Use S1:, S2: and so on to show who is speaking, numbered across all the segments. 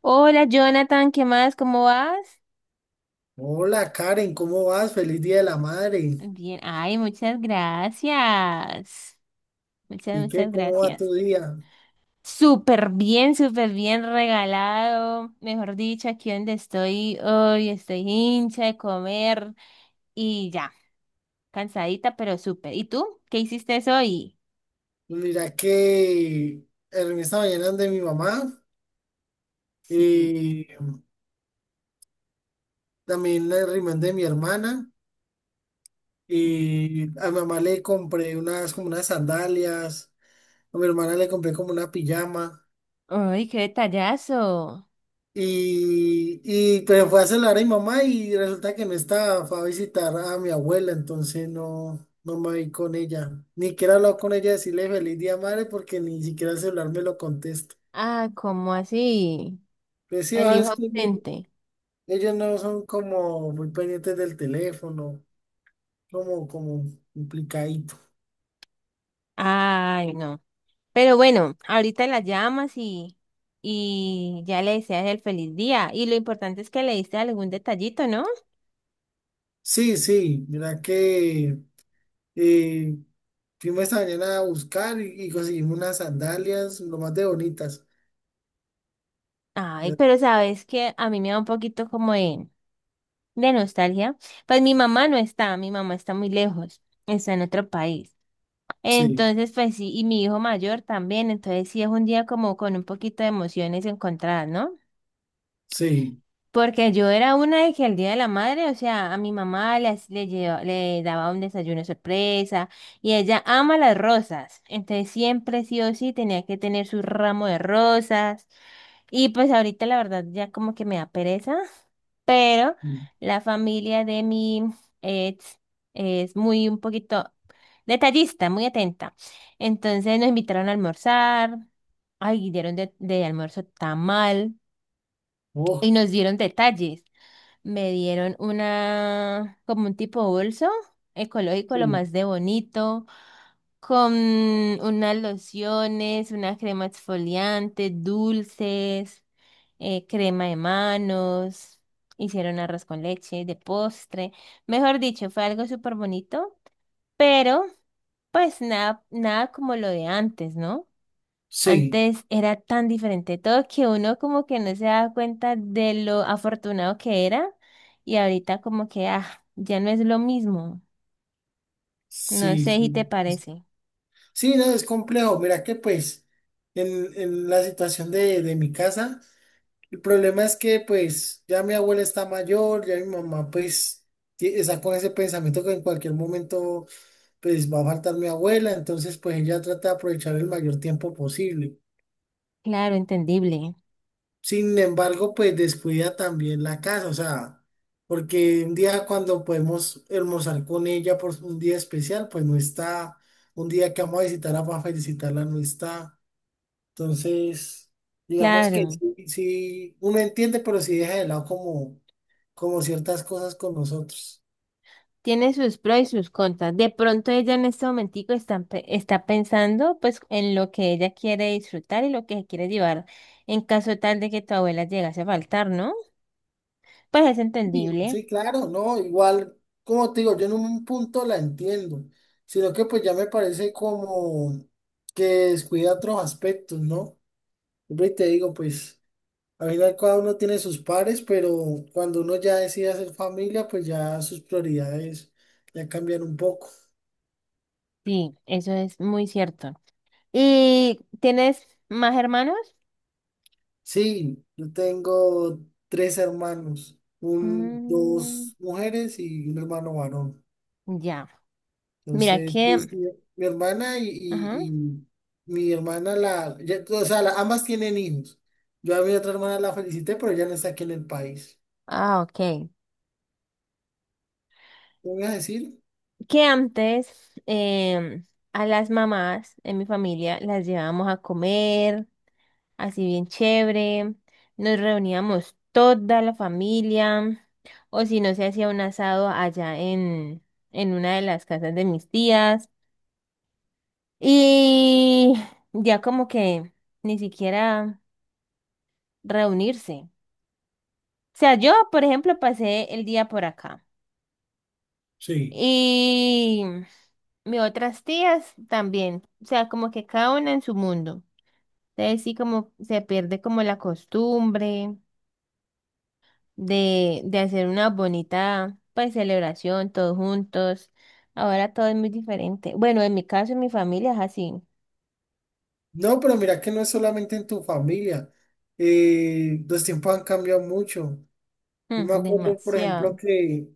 S1: Hola Jonathan, ¿qué más? ¿Cómo vas?
S2: Hola Karen, ¿cómo vas? Feliz Día de la Madre.
S1: Bien, ay, muchas gracias. Muchas,
S2: ¿Y qué?
S1: muchas
S2: ¿Cómo va tu
S1: gracias.
S2: día?
S1: Súper bien regalado. Mejor dicho, aquí donde estoy hoy, estoy hincha de comer y ya, cansadita, pero súper. ¿Y tú? ¿Qué hiciste hoy?
S2: Pues mira que en esta mañana de mi mamá
S1: Sí.
S2: y también la reunión de mi hermana, y a mi mamá le compré unas como unas sandalias, a mi hermana le compré como una pijama.
S1: Ay, qué detallazo.
S2: Y pues fue a celular a mi mamá y resulta que no estaba, fue a visitar a mi abuela, entonces no, no me vi con ella. Ni siquiera he hablado con ella, decirle feliz día madre, porque ni siquiera el celular me lo contesta.
S1: Ah, ¿cómo así?
S2: Pues sí,
S1: El
S2: ah,
S1: hijo
S2: es que ellos
S1: ausente.
S2: ellos no son como muy pendientes del teléfono, como, como complicadito.
S1: Ay, no. Pero bueno, ahorita la llamas y ya le deseas el feliz día. Y lo importante es que le diste algún detallito, ¿no?
S2: Sí, sí, mira que eh, fuimos esta mañana a buscar y conseguimos unas sandalias, lo más de bonitas.
S1: Ay,
S2: Ya-
S1: pero sabes que a mí me da un poquito como de nostalgia. Pues mi mamá no está, mi mamá está muy lejos, está en otro país.
S2: Sí,
S1: Entonces, pues sí, y mi hijo mayor también. Entonces sí es un día como con un poquito de emociones encontradas, ¿no?
S2: sí.
S1: Porque yo era una de que el Día de la Madre, o sea, a mi mamá le, hac- le, lleva- le daba un desayuno sorpresa y ella ama las rosas. Entonces siempre sí o sí tenía que tener su ramo de rosas. Y pues ahorita la verdad ya como que me da pereza, pero la familia de mi ex es muy un poquito detallista, muy atenta. Entonces nos invitaron a almorzar. Ay, dieron de almuerzo tamal y
S2: Oh,
S1: nos dieron detalles. Me dieron una, como un tipo bolso ecológico, lo
S2: sí,
S1: más de bonito, con unas lociones, una crema exfoliante, dulces, crema de manos, hicieron arroz con leche de postre. Mejor dicho, fue algo súper bonito, pero pues nada, nada como lo de antes, ¿no?
S2: sí,
S1: Antes era tan diferente todo que uno como que no se daba cuenta de lo afortunado que era y ahorita como que ah, ya no es lo mismo. No
S2: sí,
S1: sé si te
S2: sí.
S1: parece.
S2: Sí, no, es complejo. Mira que pues en la situación de mi casa, el problema es que pues ya mi abuela está mayor, ya mi mamá pues ti- está con ese pensamiento que en cualquier momento pues va a faltar mi abuela, entonces pues ella trata de aprovechar el mayor tiempo posible.
S1: Claro, entendible.
S2: Sin embargo, pues descuida también la casa, o sea, porque un día cuando podemos almorzar con ella por un día especial, pues no está, un día que vamos a visitarla para felicitarla no está. Entonces, digamos que
S1: Claro.
S2: sí, sí, uno entiende, pero sí deja de lado como, como ciertas cosas con nosotros.
S1: Tiene sus pros y sus contras. De pronto ella en este momentico está, pe- está pensando pues en lo que ella quiere disfrutar y lo que quiere llevar en caso tal de que tu abuela llegase a faltar, ¿no? Pues es
S2: Sí,
S1: entendible.
S2: sí, claro, no, igual, como te digo, yo en un punto la entiendo, sino que pues ya me parece como que descuida otros aspectos, ¿no? Siempre te digo, pues, al final cada uno tiene sus pares, pero cuando uno ya decide hacer familia, pues ya sus prioridades ya cambian un poco.
S1: Sí, eso es muy cierto. ¿Y tienes más hermanos?
S2: Sí, yo tengo tres hermanos, un,
S1: Mm,
S2: dos mujeres y un hermano varón.
S1: ya. Mira
S2: Entonces,
S1: que...
S2: pues, mi hermana y,
S1: Ajá.
S2: y- y mi hermana, la, ya- o sea, la- ambas tienen hijos. Yo a mi otra hermana la felicité, pero ya no está aquí en el país.
S1: Ah, ok.
S2: ¿Qué me ibas a decir?
S1: Que antes a las mamás en mi familia las llevábamos a comer, así bien chévere. Nos reuníamos toda la familia. O si no, se hacía un asado allá en una de las casas de mis tías. Y ya como que ni siquiera reunirse. O sea, yo, por ejemplo, pasé el día por acá.
S2: Sí.
S1: Y mis otras tías también. O sea, como que cada una en su mundo. Entonces sí como se pierde como la costumbre de hacer una bonita pues celebración todos juntos. Ahora todo es muy diferente. Bueno, en mi caso, en mi familia es así.
S2: No, pero mira que no es solamente en tu familia. Los tiempos han cambiado mucho. Yo
S1: Mm,
S2: me acuerdo, por ejemplo,
S1: demasiado.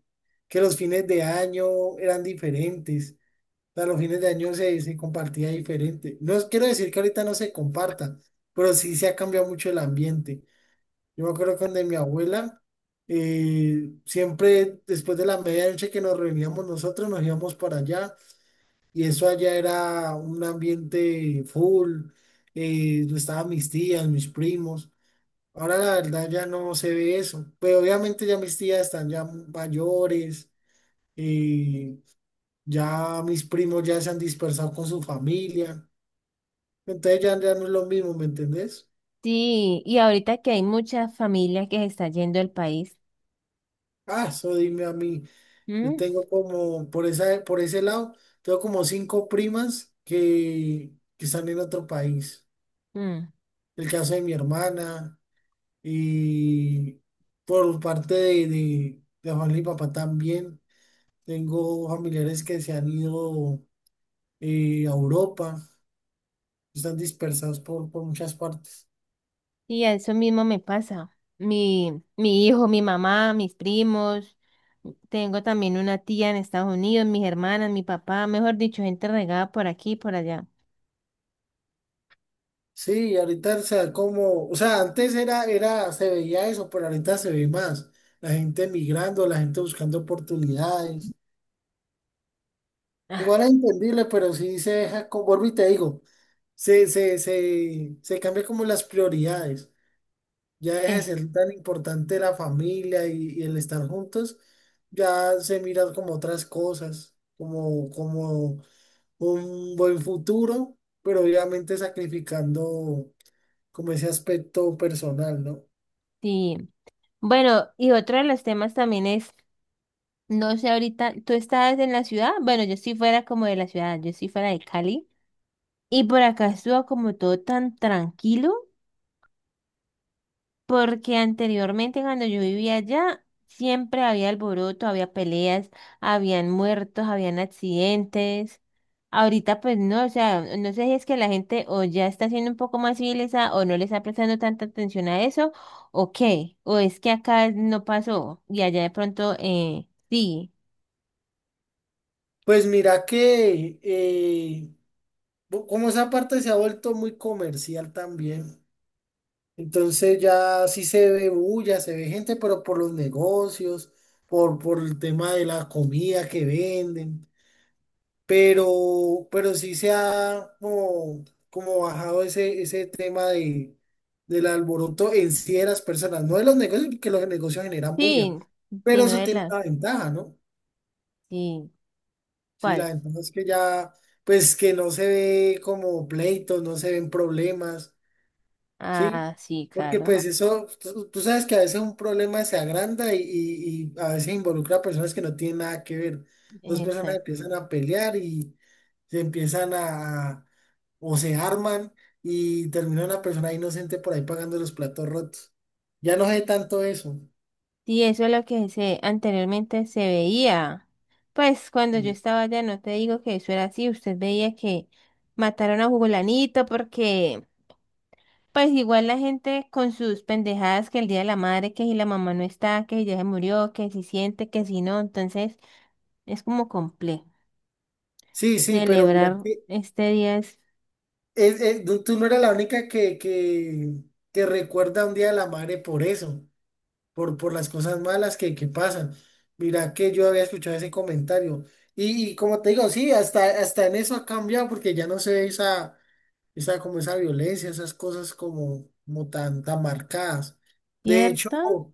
S2: que los fines de año eran diferentes. O sea, los fines de año se compartía diferente. No es- quiero decir que ahorita no se comparta, pero sí se ha cambiado mucho el ambiente. Yo me acuerdo que donde mi abuela, siempre después de la medianoche que nos reuníamos nosotros, nos íbamos para allá y eso allá era un ambiente full, estaban mis tías, mis primos. Ahora la verdad ya no se ve eso, pero obviamente ya mis tías están ya mayores, eh, ya mis primos ya se han dispersado con su familia, entonces ya, ya no es lo mismo, ¿me entendés?
S1: Sí, y ahorita que hay muchas familias que se está yendo del país.
S2: Ah, eso dime a mí, yo
S1: Mm,
S2: tengo como, por esa, por ese lado, tengo como cinco primas que están en otro país.
S1: mm.
S2: El caso de mi hermana. Y por parte de mamá y papá también, tengo familiares que se han ido a Europa, están dispersados por muchas partes.
S1: Y a eso mismo me pasa. Mi hijo, mi mamá, mis primos, tengo también una tía en Estados Unidos, mis hermanas, mi papá, mejor dicho, gente regada por aquí y por allá.
S2: Sí, ahorita o sea, como, o sea, antes era, era, se veía eso, pero ahorita se ve más. La gente migrando, la gente buscando oportunidades.
S1: Ah,
S2: Igual es entendible, pero sí se deja, con, vuelvo y te digo, se cambia como las prioridades. Ya deja de
S1: eh,
S2: ser tan importante la familia y el estar juntos, ya se miran como otras cosas, como, como un buen futuro, pero obviamente sacrificando como ese aspecto personal, ¿no?
S1: sí. Bueno, y otro de los temas también es, no sé, ahorita, ¿tú estabas en la ciudad? Bueno, yo sí fuera como de la ciudad, yo sí fuera de Cali. Y por acá estuvo como todo tan tranquilo. Porque anteriormente cuando yo vivía allá, siempre había alboroto, había peleas, habían muertos, habían accidentes. Ahorita pues no, o sea, no sé si es que la gente o ya está siendo un poco más civilizada o no le está prestando tanta atención a eso, o qué, o es que acá no pasó y allá de pronto sí,
S2: Pues mira que bu- como esa parte se ha vuelto muy comercial también, entonces ya sí se ve bulla, se ve gente, pero por los negocios, por el tema de la comida que venden. Pero sí se ha como, como bajado ese, ese tema de, del alboroto en sí de las personas, no de los negocios, porque los negocios generan bulla,
S1: sí, sí,
S2: pero
S1: no
S2: eso
S1: de
S2: tiene
S1: las,
S2: una ventaja, ¿no?
S1: sí,
S2: Sí, la
S1: ¿cuál?
S2: ventaja es que ya, pues que no se ve como pleitos, no se ven problemas. Sí,
S1: Ah, sí,
S2: porque
S1: claro.
S2: pues eso, tú sabes que a veces un problema se agranda y a veces involucra a personas que no tienen nada que ver. Dos personas empiezan a pelear y se empiezan a- o se arman y termina una persona inocente por ahí pagando los platos rotos. Ya no sé tanto eso.
S1: Y eso es lo que se anteriormente se veía. Pues cuando yo
S2: Mm.
S1: estaba allá, no te digo que eso era así, usted veía que mataron a Jugolanito porque pues igual la gente con sus pendejadas que el día de la madre, que si la mamá no está, que si ya se murió, que si siente, que si no, entonces es como complejo.
S2: Sí, sí, pero mira
S1: Celebrar
S2: que
S1: este día es
S2: es- tú no eras la única que recuerda un día a la madre por eso. Por las cosas malas que pasan. Mira que yo había escuchado ese comentario. Y como te digo, sí, hasta, hasta en eso ha cambiado porque ya no se ve esa, esa, como esa violencia, esas cosas como, como tan, tan marcadas. De hecho,
S1: cierto,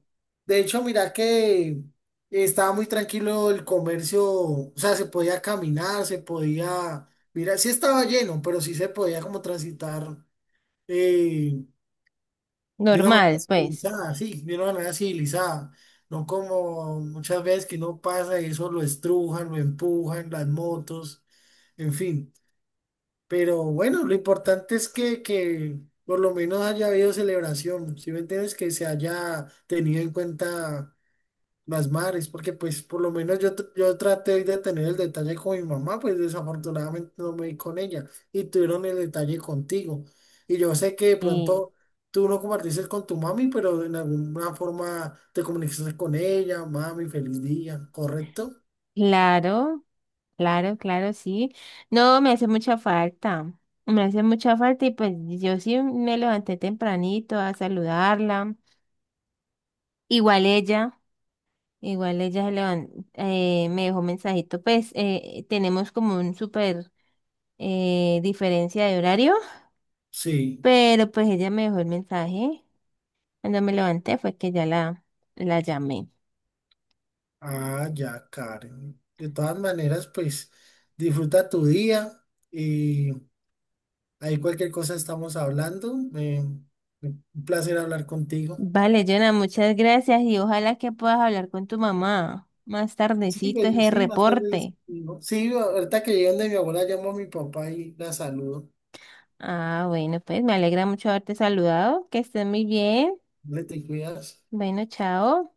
S2: de hecho, mira que estaba muy tranquilo el comercio, o sea, se podía caminar, se podía, mira, sí estaba lleno, pero sí se podía como transitar. eh, de una manera
S1: normal, pues.
S2: civilizada, sí, de una manera civilizada, no como muchas veces que no pasa y eso, lo estrujan, lo empujan, las motos, en fin. Pero bueno, lo importante es que por lo menos haya habido celebración, si me entiendes, que se haya tenido en cuenta las madres, porque pues por lo menos yo, tr- yo traté de tener el detalle con mi mamá, pues desafortunadamente no me di con ella y tuvieron el detalle contigo. Y yo sé que de
S1: Y
S2: pronto tú no compartiste con tu mami, pero en alguna forma te comunicaste con ella, mami, feliz día, ¿correcto?
S1: claro. Claro, claro, sí. No, me hace mucha falta. Me hace mucha falta y pues yo sí me levanté tempranito a saludarla. Igual ella, igual ella se levan- me dejó mensajito. Pues tenemos como un súper diferencia de horario,
S2: Sí,
S1: pero pues ella me dejó el mensaje. Cuando me levanté fue que ya la llamé.
S2: ah, ya, Karen. De todas maneras, pues disfruta tu día y ahí cualquier cosa estamos hablando. Un placer hablar contigo.
S1: Vale, Jonah, muchas gracias y ojalá que puedas hablar con tu mamá más
S2: Sí,
S1: tardecito
S2: pues,
S1: ese
S2: sí, más tarde les
S1: reporte.
S2: digo. Sí, ahorita que llegan de mi abuela, llamo a mi papá y la saludo.
S1: Ah, bueno, pues me alegra mucho haberte saludado. Que estés muy bien.
S2: Le te cuidas.
S1: Bueno, chao.